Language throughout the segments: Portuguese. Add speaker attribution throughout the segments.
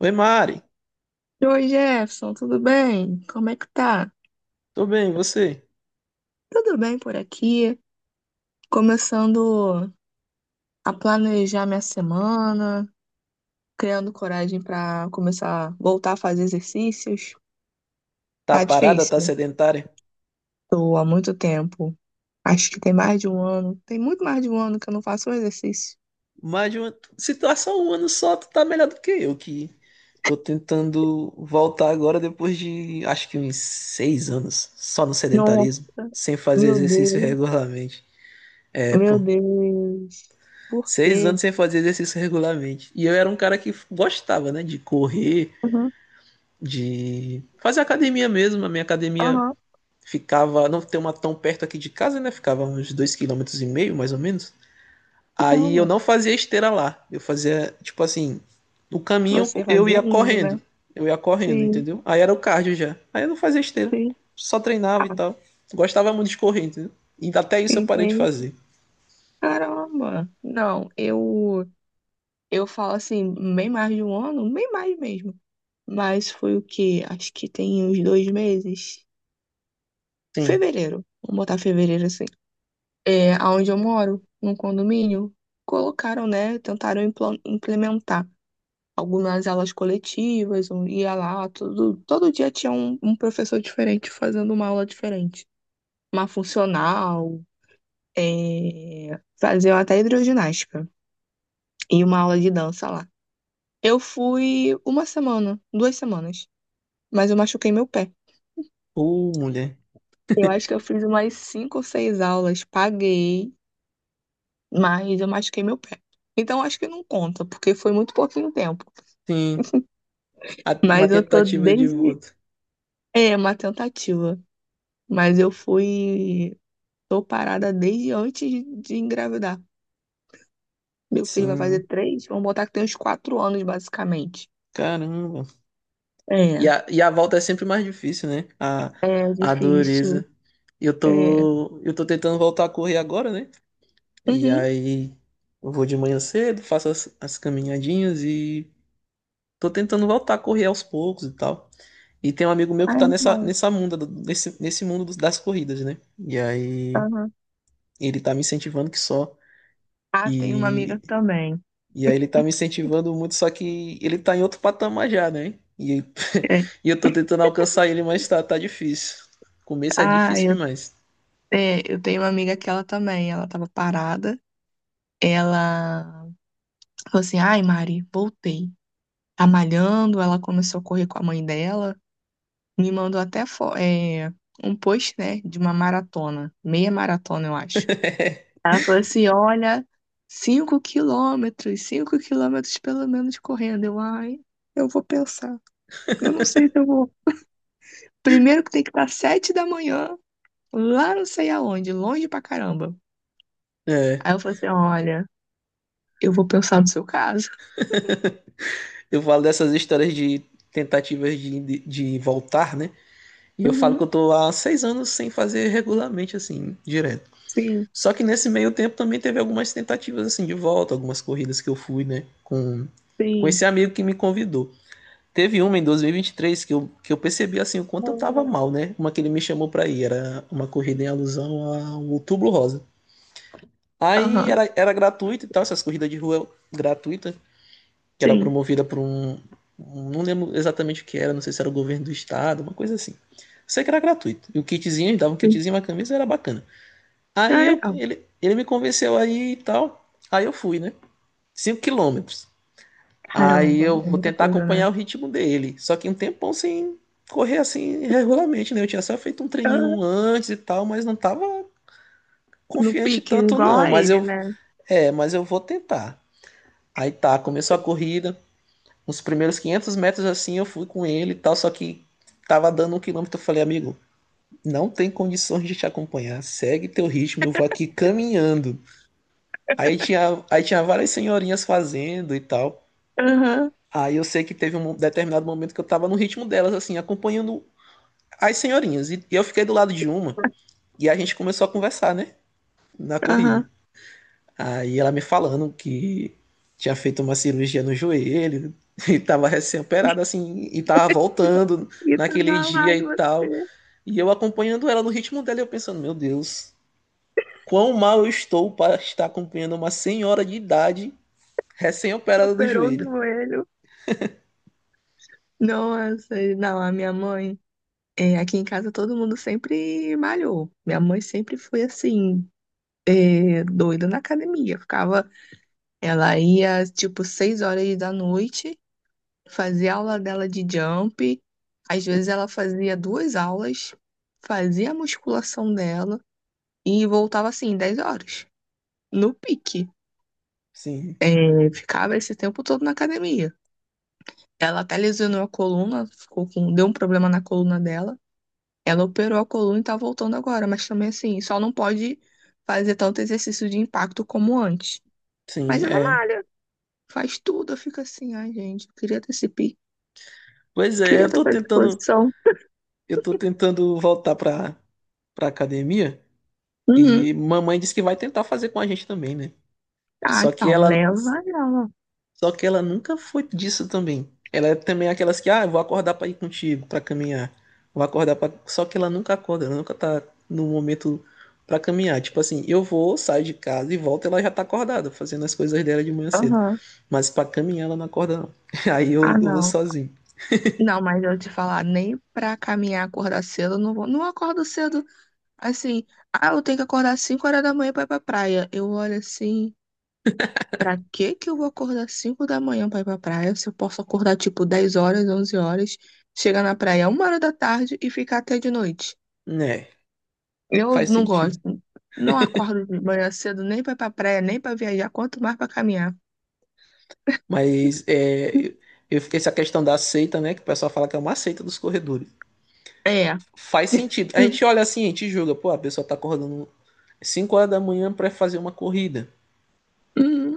Speaker 1: Oi, Mari.
Speaker 2: Oi, Jefferson, tudo bem? Como é que tá?
Speaker 1: Tô bem, e você?
Speaker 2: Tudo bem por aqui? Começando a planejar minha semana, criando coragem para começar a voltar a fazer exercícios.
Speaker 1: Tá
Speaker 2: Tá
Speaker 1: parada, tá
Speaker 2: difícil.
Speaker 1: sedentária?
Speaker 2: Tô há muito tempo. Acho que tem mais de um ano. Tem muito mais de um ano que eu não faço um exercício.
Speaker 1: Mais de uma situação, um ano só, tu tá melhor do que eu, que tô tentando voltar agora depois de acho que uns seis anos só no
Speaker 2: Nossa,
Speaker 1: sedentarismo, sem fazer
Speaker 2: meu
Speaker 1: exercício
Speaker 2: Deus,
Speaker 1: regularmente. É,
Speaker 2: meu
Speaker 1: pô,
Speaker 2: Deus. Por
Speaker 1: seis
Speaker 2: quê?
Speaker 1: anos sem fazer exercício regularmente. E eu era um cara que gostava, né, de correr,
Speaker 2: Aham,
Speaker 1: de fazer academia mesmo. A minha academia
Speaker 2: aham.
Speaker 1: ficava, não tem uma tão perto aqui de casa, né? Ficava uns dois quilômetros e meio, mais ou menos.
Speaker 2: Não,
Speaker 1: Aí eu
Speaker 2: mano.
Speaker 1: não fazia esteira lá. Eu fazia, tipo assim, no caminho
Speaker 2: Você
Speaker 1: eu
Speaker 2: fazia
Speaker 1: ia
Speaker 2: ainda, né?
Speaker 1: correndo. Eu ia correndo,
Speaker 2: Sim,
Speaker 1: entendeu? Aí era o cardio já. Aí eu não fazia esteira.
Speaker 2: sim.
Speaker 1: Só treinava e
Speaker 2: Ah,
Speaker 1: tal. Gostava muito de correr, entendeu? E até isso eu parei de
Speaker 2: entendi.
Speaker 1: fazer.
Speaker 2: Caramba! Não, eu falo assim, bem mais de um ano, bem mais mesmo. Mas foi o quê? Acho que tem uns 2 meses.
Speaker 1: Sim.
Speaker 2: Fevereiro. Vamos botar fevereiro assim. É, aonde eu moro, num condomínio, colocaram, né? Tentaram implementar algumas aulas coletivas, um ia lá, tudo, todo dia tinha um professor diferente fazendo uma aula diferente. Uma funcional, é, faziam até hidroginástica e uma aula de dança lá. Eu fui uma semana, 2 semanas, mas eu machuquei meu pé.
Speaker 1: Ô, mulher.
Speaker 2: Eu acho que eu fiz umas 5 ou 6 aulas, paguei, mas eu machuquei meu pé. Então acho que não conta, porque foi muito pouquinho tempo.
Speaker 1: Sim. A- Uma
Speaker 2: Mas eu tô
Speaker 1: tentativa de
Speaker 2: desde.
Speaker 1: volta.
Speaker 2: É uma tentativa, mas eu fui. Tô parada desde antes de engravidar. Meu filho vai fazer
Speaker 1: Sim.
Speaker 2: três, vamos botar que tem uns 4 anos, basicamente.
Speaker 1: Caramba. E
Speaker 2: É,
Speaker 1: a volta é sempre mais difícil, né?
Speaker 2: é
Speaker 1: A
Speaker 2: difícil.
Speaker 1: dureza. Eu
Speaker 2: É.
Speaker 1: tô, eu tô tentando voltar a correr agora, né? E
Speaker 2: Uhum.
Speaker 1: aí eu vou de manhã cedo, faço as caminhadinhas e tô tentando voltar a correr aos poucos e tal. E tem um amigo meu que
Speaker 2: Ah, é
Speaker 1: tá nessa,
Speaker 2: bom.
Speaker 1: nessa munda, nesse mundo das corridas, né? E aí
Speaker 2: Aham.
Speaker 1: ele tá me incentivando que só.
Speaker 2: Ah, tem uma amiga
Speaker 1: E,
Speaker 2: também.
Speaker 1: e aí ele tá me incentivando muito, só que ele tá em outro patamar já, né? E,
Speaker 2: É.
Speaker 1: e eu tô tentando alcançar ele, mas tá, tá difícil. Começo é
Speaker 2: Ah,
Speaker 1: difícil
Speaker 2: eu,
Speaker 1: demais.
Speaker 2: é, eu tenho uma amiga que ela também, ela tava parada, ela falou assim, ai Mari, voltei. Tá malhando, ela começou a correr com a mãe dela, me mandou até um post, né, de uma maratona, meia maratona, eu acho. Ela falou assim, olha, 5 quilômetros, 5 quilômetros pelo menos correndo. Eu, ai, eu vou pensar, eu não sei se eu vou. Primeiro que tem que estar 7 da manhã, lá não sei aonde, longe pra caramba.
Speaker 1: É.
Speaker 2: Aí eu falei assim, olha, eu vou pensar no seu caso.
Speaker 1: Eu falo dessas histórias de tentativas de voltar, né? E eu falo que
Speaker 2: Uhum,
Speaker 1: eu tô há seis anos sem fazer regularmente, assim, direto.
Speaker 2: sim,
Speaker 1: Só que nesse meio tempo também teve algumas tentativas, assim, de volta, algumas corridas que eu fui, né, com esse
Speaker 2: sim.
Speaker 1: amigo que me convidou. Teve uma em 2023 que eu percebi, assim, o quanto eu tava
Speaker 2: Uhum,
Speaker 1: mal, né? Uma que ele me chamou pra ir, era uma corrida em alusão ao Outubro Rosa. Aí
Speaker 2: aham,
Speaker 1: era gratuito e tal, essas corridas de rua gratuita que era
Speaker 2: sim,
Speaker 1: promovida por um, não lembro exatamente o que era, não sei se era o governo do estado, uma coisa assim. Sei que era gratuito. E o kitzinho, eles davam um
Speaker 2: sim.
Speaker 1: kitzinho, uma camisa, era bacana.
Speaker 2: Ah,
Speaker 1: Aí eu,
Speaker 2: legal.
Speaker 1: ele, ele me convenceu aí e tal. Aí eu fui, né? Cinco quilômetros. Aí
Speaker 2: Caramba,
Speaker 1: eu
Speaker 2: é
Speaker 1: vou
Speaker 2: muita
Speaker 1: tentar
Speaker 2: coisa, né?
Speaker 1: acompanhar o ritmo dele. Só que um tempão sem correr assim regularmente, né? Eu tinha só feito um
Speaker 2: Ah,
Speaker 1: treininho antes e tal, mas não tava
Speaker 2: no
Speaker 1: confiante
Speaker 2: pique,
Speaker 1: tanto
Speaker 2: igual
Speaker 1: não.
Speaker 2: a
Speaker 1: Mas
Speaker 2: ele,
Speaker 1: eu,
Speaker 2: né?
Speaker 1: é, mas eu vou tentar. Aí tá, começou a corrida. Os primeiros 500 metros assim eu fui com ele e tal, só que tava dando um quilômetro. Eu falei, amigo, não tem condições de te acompanhar, segue teu ritmo, eu vou aqui caminhando. Aí tinha várias senhorinhas fazendo e tal.
Speaker 2: Aham,
Speaker 1: Aí eu sei que teve um determinado momento que eu tava no ritmo delas, assim, acompanhando as senhorinhas. E eu fiquei do lado de uma e a gente começou a conversar, né? Na corrida.
Speaker 2: aham.
Speaker 1: Aí ela me falando que tinha feito uma cirurgia no joelho e tava recém-operada assim e tava
Speaker 2: E vo-
Speaker 1: voltando
Speaker 2: E tava
Speaker 1: naquele
Speaker 2: lá,
Speaker 1: dia
Speaker 2: e
Speaker 1: e
Speaker 2: você
Speaker 1: tal. E eu acompanhando ela no ritmo dela, e eu pensando, meu Deus, quão mal eu estou para estar acompanhando uma senhora de idade
Speaker 2: que
Speaker 1: recém-operada do
Speaker 2: operou o
Speaker 1: joelho.
Speaker 2: joelho. Nossa, não, a minha mãe, é, aqui em casa todo mundo sempre malhou. Minha mãe sempre foi assim, é, doida na academia. Ficava, ela ia tipo 6 horas da noite, fazia aula dela de jump, às vezes ela fazia 2 aulas, fazia a musculação dela e voltava assim, 10 horas, no pique.
Speaker 1: Sim,
Speaker 2: É, ficava esse tempo todo na academia. Ela até lesionou a coluna, ficou com, deu um problema na coluna dela. Ela operou a coluna e tá voltando agora, mas também assim, só não pode fazer tanto exercício de impacto como antes. Mas
Speaker 1: sim,
Speaker 2: ela
Speaker 1: é.
Speaker 2: malha, faz tudo, eu fico assim, ai gente, eu queria ter esse pique,
Speaker 1: Pois é,
Speaker 2: queria
Speaker 1: eu
Speaker 2: ter
Speaker 1: tô
Speaker 2: essa
Speaker 1: tentando,
Speaker 2: disposição.
Speaker 1: eu tô tentando voltar pra academia
Speaker 2: Uhum.
Speaker 1: e mamãe disse que vai tentar fazer com a gente também, né?
Speaker 2: Ah,
Speaker 1: Só que
Speaker 2: então,
Speaker 1: ela
Speaker 2: leva ela.
Speaker 1: Só que ela nunca foi disso também. Ela é também aquelas que, ah, eu vou acordar pra ir contigo, pra caminhar. Vou acordar pra... Só que ela nunca acorda, ela nunca tá no momento pra caminhar. Tipo assim, eu vou, saio de casa e volto, ela já tá acordada, fazendo as coisas dela de manhã cedo.
Speaker 2: Aham.
Speaker 1: Mas pra caminhar ela não acorda, não. Aí eu,
Speaker 2: Ah,
Speaker 1: eu vou
Speaker 2: não.
Speaker 1: sozinho.
Speaker 2: Não, mas eu te falar, nem pra caminhar, acordar cedo, eu não vou. Não acordo cedo, assim. Ah, eu tenho que acordar 5 horas da manhã pra ir pra praia. Eu olho assim, pra que que eu vou acordar 5 da manhã pra ir pra praia? Se eu posso acordar, tipo, 10 horas, 11 horas, chegar na praia 1 hora da tarde e ficar até de noite.
Speaker 1: Né,
Speaker 2: Eu
Speaker 1: faz
Speaker 2: não
Speaker 1: sentido.
Speaker 2: gosto. Não acordo de manhã cedo nem pra ir pra praia, nem pra viajar, quanto mais pra caminhar.
Speaker 1: Mas é, fiquei essa questão da seita, né, que o pessoal fala que é uma seita dos corredores.
Speaker 2: É.
Speaker 1: Faz sentido. A gente olha assim, a gente julga, pô, a pessoa tá acordando 5 horas da manhã para fazer uma corrida.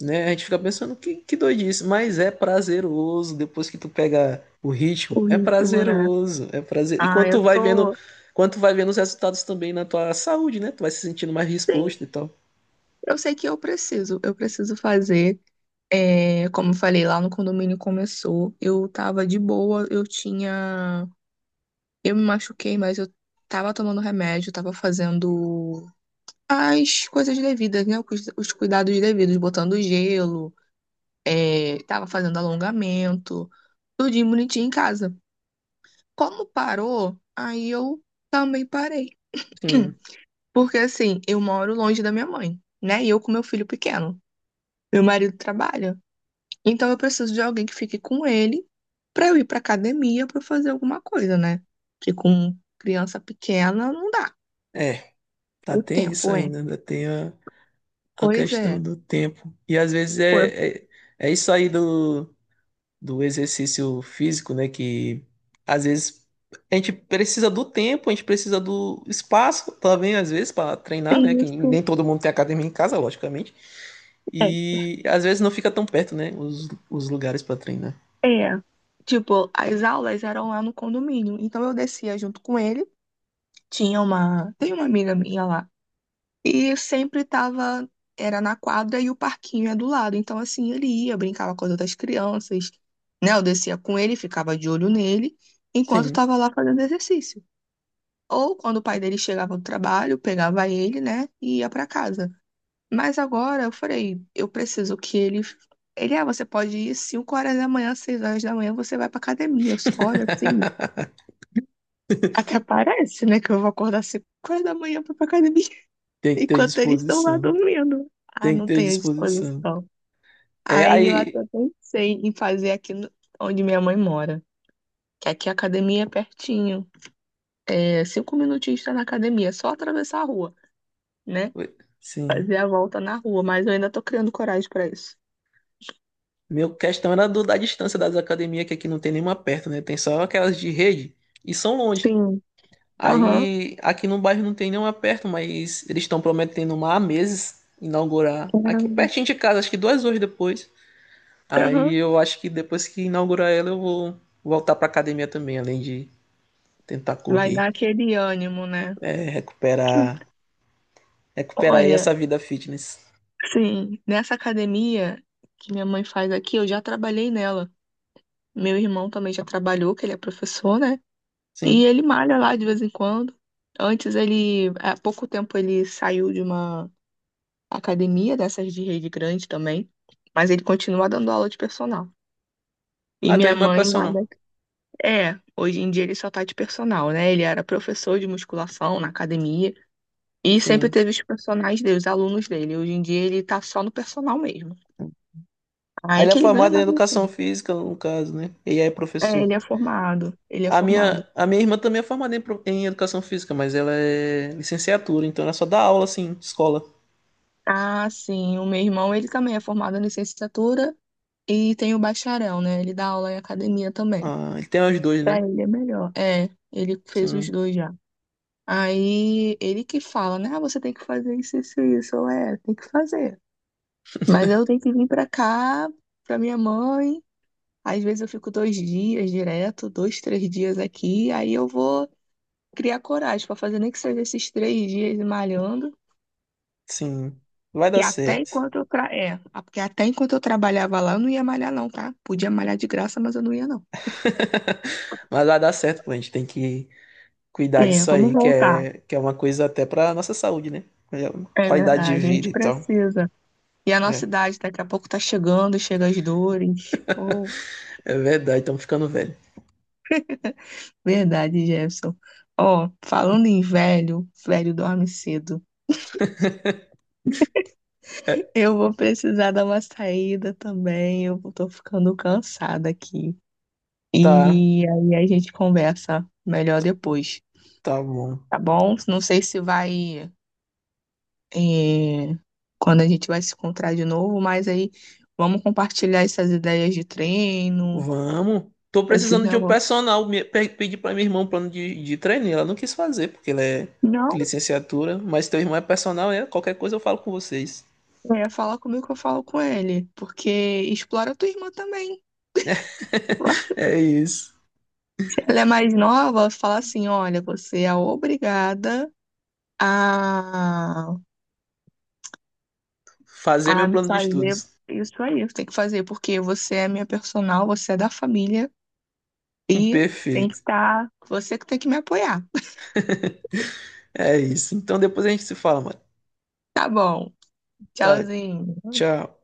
Speaker 1: Né? A gente fica pensando que doidice, mas é prazeroso depois que tu pega o ritmo.
Speaker 2: O
Speaker 1: É
Speaker 2: ritmo, né?
Speaker 1: prazeroso, é prazer. E
Speaker 2: Ah, eu tô.
Speaker 1: quando tu vai vendo os resultados também na tua saúde, né? Tu vai se sentindo mais disposto
Speaker 2: Sim.
Speaker 1: e tal.
Speaker 2: Eu sei que eu preciso fazer. É, como eu falei, lá no condomínio começou. Eu tava de boa, eu tinha. Eu me machuquei, mas eu tava tomando remédio, tava fazendo as coisas devidas, né? Os cuidados devidos, botando gelo, é, tava fazendo alongamento, tudinho bonitinho em casa. Como parou, aí eu também parei.
Speaker 1: Sim.
Speaker 2: Porque assim, eu moro longe da minha mãe, né? E eu com meu filho pequeno. Meu marido trabalha. Então eu preciso de alguém que fique com ele pra eu ir pra academia pra eu fazer alguma coisa, né? Que com criança pequena não dá.
Speaker 1: É, tá,
Speaker 2: O
Speaker 1: tem
Speaker 2: tempo
Speaker 1: isso
Speaker 2: é.
Speaker 1: ainda, ainda tem a
Speaker 2: Pois
Speaker 1: questão
Speaker 2: é.
Speaker 1: do tempo. E às vezes
Speaker 2: Por
Speaker 1: é isso aí do exercício físico, né? Que às vezes a gente precisa do tempo, a gente precisa do espaço também, às vezes, para treinar, né? Que
Speaker 2: isso.
Speaker 1: nem todo mundo tem academia em casa, logicamente.
Speaker 2: É.
Speaker 1: E às vezes não fica tão perto, né? Os lugares para treinar.
Speaker 2: É. Tipo, as aulas eram lá no condomínio. Então eu descia junto com ele. Tinha uma. Tem uma amiga minha lá. E sempre tava, era na quadra e o parquinho é do lado. Então, assim, ele ia, brincava com as outras crianças, né? Eu descia com ele, ficava de olho nele, enquanto
Speaker 1: Sim.
Speaker 2: estava lá fazendo exercício. Ou quando o pai dele chegava do trabalho, pegava ele, né? E ia para casa. Mas agora eu falei, eu preciso que ele. Ele, ah, você pode ir 5 horas da manhã, 6 horas da manhã, você vai pra academia. Eu só olho assim. Até parece, né? Que eu vou acordar 5 horas da manhã pra ir pra academia.
Speaker 1: Tem que ter
Speaker 2: Enquanto eles estão lá
Speaker 1: disposição.
Speaker 2: dormindo. Ah,
Speaker 1: Tem que
Speaker 2: não
Speaker 1: ter
Speaker 2: tenho
Speaker 1: disposição.
Speaker 2: disposição.
Speaker 1: É,
Speaker 2: Aí eu até
Speaker 1: aí.
Speaker 2: pensei em fazer aqui no- onde minha mãe mora, que aqui a academia é pertinho. É, cinco minutinhos está na academia, é só atravessar a rua, né?
Speaker 1: Oi, sim.
Speaker 2: Fazer a volta na rua, mas eu ainda tô criando coragem para isso.
Speaker 1: Meu questão era da distância das academias, que aqui não tem nenhuma perto, né? Tem só aquelas de rede. E são longe.
Speaker 2: Sim, aham,
Speaker 1: Aí aqui no bairro não tem nenhuma perto, mas eles estão prometendo uma há meses inaugurar. Aqui
Speaker 2: caramba,
Speaker 1: pertinho de casa, acho que duas horas depois. Aí
Speaker 2: aham.
Speaker 1: eu acho que depois que inaugurar ela, eu vou voltar pra academia também, além de tentar
Speaker 2: Vai
Speaker 1: correr,
Speaker 2: dar aquele ânimo, né?
Speaker 1: é, recuperar aí
Speaker 2: Olha,
Speaker 1: essa vida fitness.
Speaker 2: sim, nessa academia que minha mãe faz aqui, eu já trabalhei nela. Meu irmão também já trabalhou, que ele é professor, né?
Speaker 1: Sim.
Speaker 2: E ele malha lá de vez em quando. Antes ele, há pouco tempo ele saiu de uma academia dessas de rede grande também, mas ele continua dando aula de personal. E
Speaker 1: Ah, teu
Speaker 2: minha
Speaker 1: irmão é
Speaker 2: mãe
Speaker 1: personal.
Speaker 2: malha. É, hoje em dia ele só tá de personal, né? Ele era professor de musculação na academia e sempre
Speaker 1: Sim.
Speaker 2: teve os personagens dele, os alunos dele. Hoje em dia ele tá só no personal mesmo.
Speaker 1: Aí
Speaker 2: Aí
Speaker 1: ele é
Speaker 2: que ele ganha
Speaker 1: formado em
Speaker 2: mais
Speaker 1: educação
Speaker 2: assim.
Speaker 1: física, no caso, né? E aí é
Speaker 2: É,
Speaker 1: professor.
Speaker 2: ele é formado, ele é
Speaker 1: A minha,
Speaker 2: formado.
Speaker 1: a minha irmã também é formada em, em educação física, mas ela é licenciatura, então ela só dá aula assim, de escola.
Speaker 2: Ah, sim, o meu irmão, ele também é formado em licenciatura. E tem o bacharel, né? Ele dá aula em academia também.
Speaker 1: Ah, ele tem os dois,
Speaker 2: Pra
Speaker 1: né?
Speaker 2: ele é melhor. É, ele fez os
Speaker 1: Sim,
Speaker 2: dois já. Aí ele que fala, né? Ah, você tem que fazer isso, isso, isso. Tem que fazer. Mas eu tenho que vir pra cá, pra minha mãe. Às vezes eu fico 2 dias direto, dois, 3 dias aqui. Aí eu vou criar coragem pra fazer nem que seja esses 3 dias malhando.
Speaker 1: sim. Vai dar
Speaker 2: Que até
Speaker 1: certo.
Speaker 2: enquanto eu tra... é, Porque até enquanto eu trabalhava lá, eu não ia malhar, não, tá? Podia malhar de graça, mas eu não ia, não.
Speaker 1: Mas vai dar certo, pô. A gente tem que cuidar
Speaker 2: É,
Speaker 1: disso
Speaker 2: vamos
Speaker 1: aí, que
Speaker 2: voltar.
Speaker 1: é, que é uma coisa até pra nossa saúde, né? É uma
Speaker 2: É
Speaker 1: qualidade de
Speaker 2: verdade, a
Speaker 1: vida
Speaker 2: gente
Speaker 1: e tal.
Speaker 2: precisa. E a nossa
Speaker 1: É,
Speaker 2: idade daqui a pouco tá chegando, chega as dores. Oh,
Speaker 1: é verdade, estamos ficando velho.
Speaker 2: verdade, Jefferson. Ó, falando em velho, velho dorme cedo.
Speaker 1: É,
Speaker 2: Eu vou precisar dar uma saída também, eu tô ficando cansada aqui.
Speaker 1: tá,
Speaker 2: E aí a gente conversa melhor depois,
Speaker 1: tá bom.
Speaker 2: tá bom? Não sei se vai, eh, quando a gente vai se encontrar de novo, mas aí vamos compartilhar essas ideias de treino,
Speaker 1: Vamos. Tô
Speaker 2: esses
Speaker 1: precisando de um
Speaker 2: negócios.
Speaker 1: personal. Pedi pra minha irmã um plano de treino. E Ela não quis fazer, porque ela é
Speaker 2: Não.
Speaker 1: licenciatura. Mas teu irmão é personal, é? Qualquer coisa eu falo com vocês.
Speaker 2: É, fala comigo que eu falo com ele, porque explora tua irmã também.
Speaker 1: É isso.
Speaker 2: Ela é mais nova, fala assim, olha, você é obrigada a,
Speaker 1: Fazer
Speaker 2: a
Speaker 1: meu plano de
Speaker 2: fazer
Speaker 1: estudos.
Speaker 2: isso aí, você tem que fazer, porque você é minha personal, você é da família e tem que
Speaker 1: Perfeito.
Speaker 2: estar, você que tem que me apoiar.
Speaker 1: É isso. Então depois a gente se fala, mano.
Speaker 2: Tá bom,
Speaker 1: Tá,
Speaker 2: tchauzinho.
Speaker 1: tchau.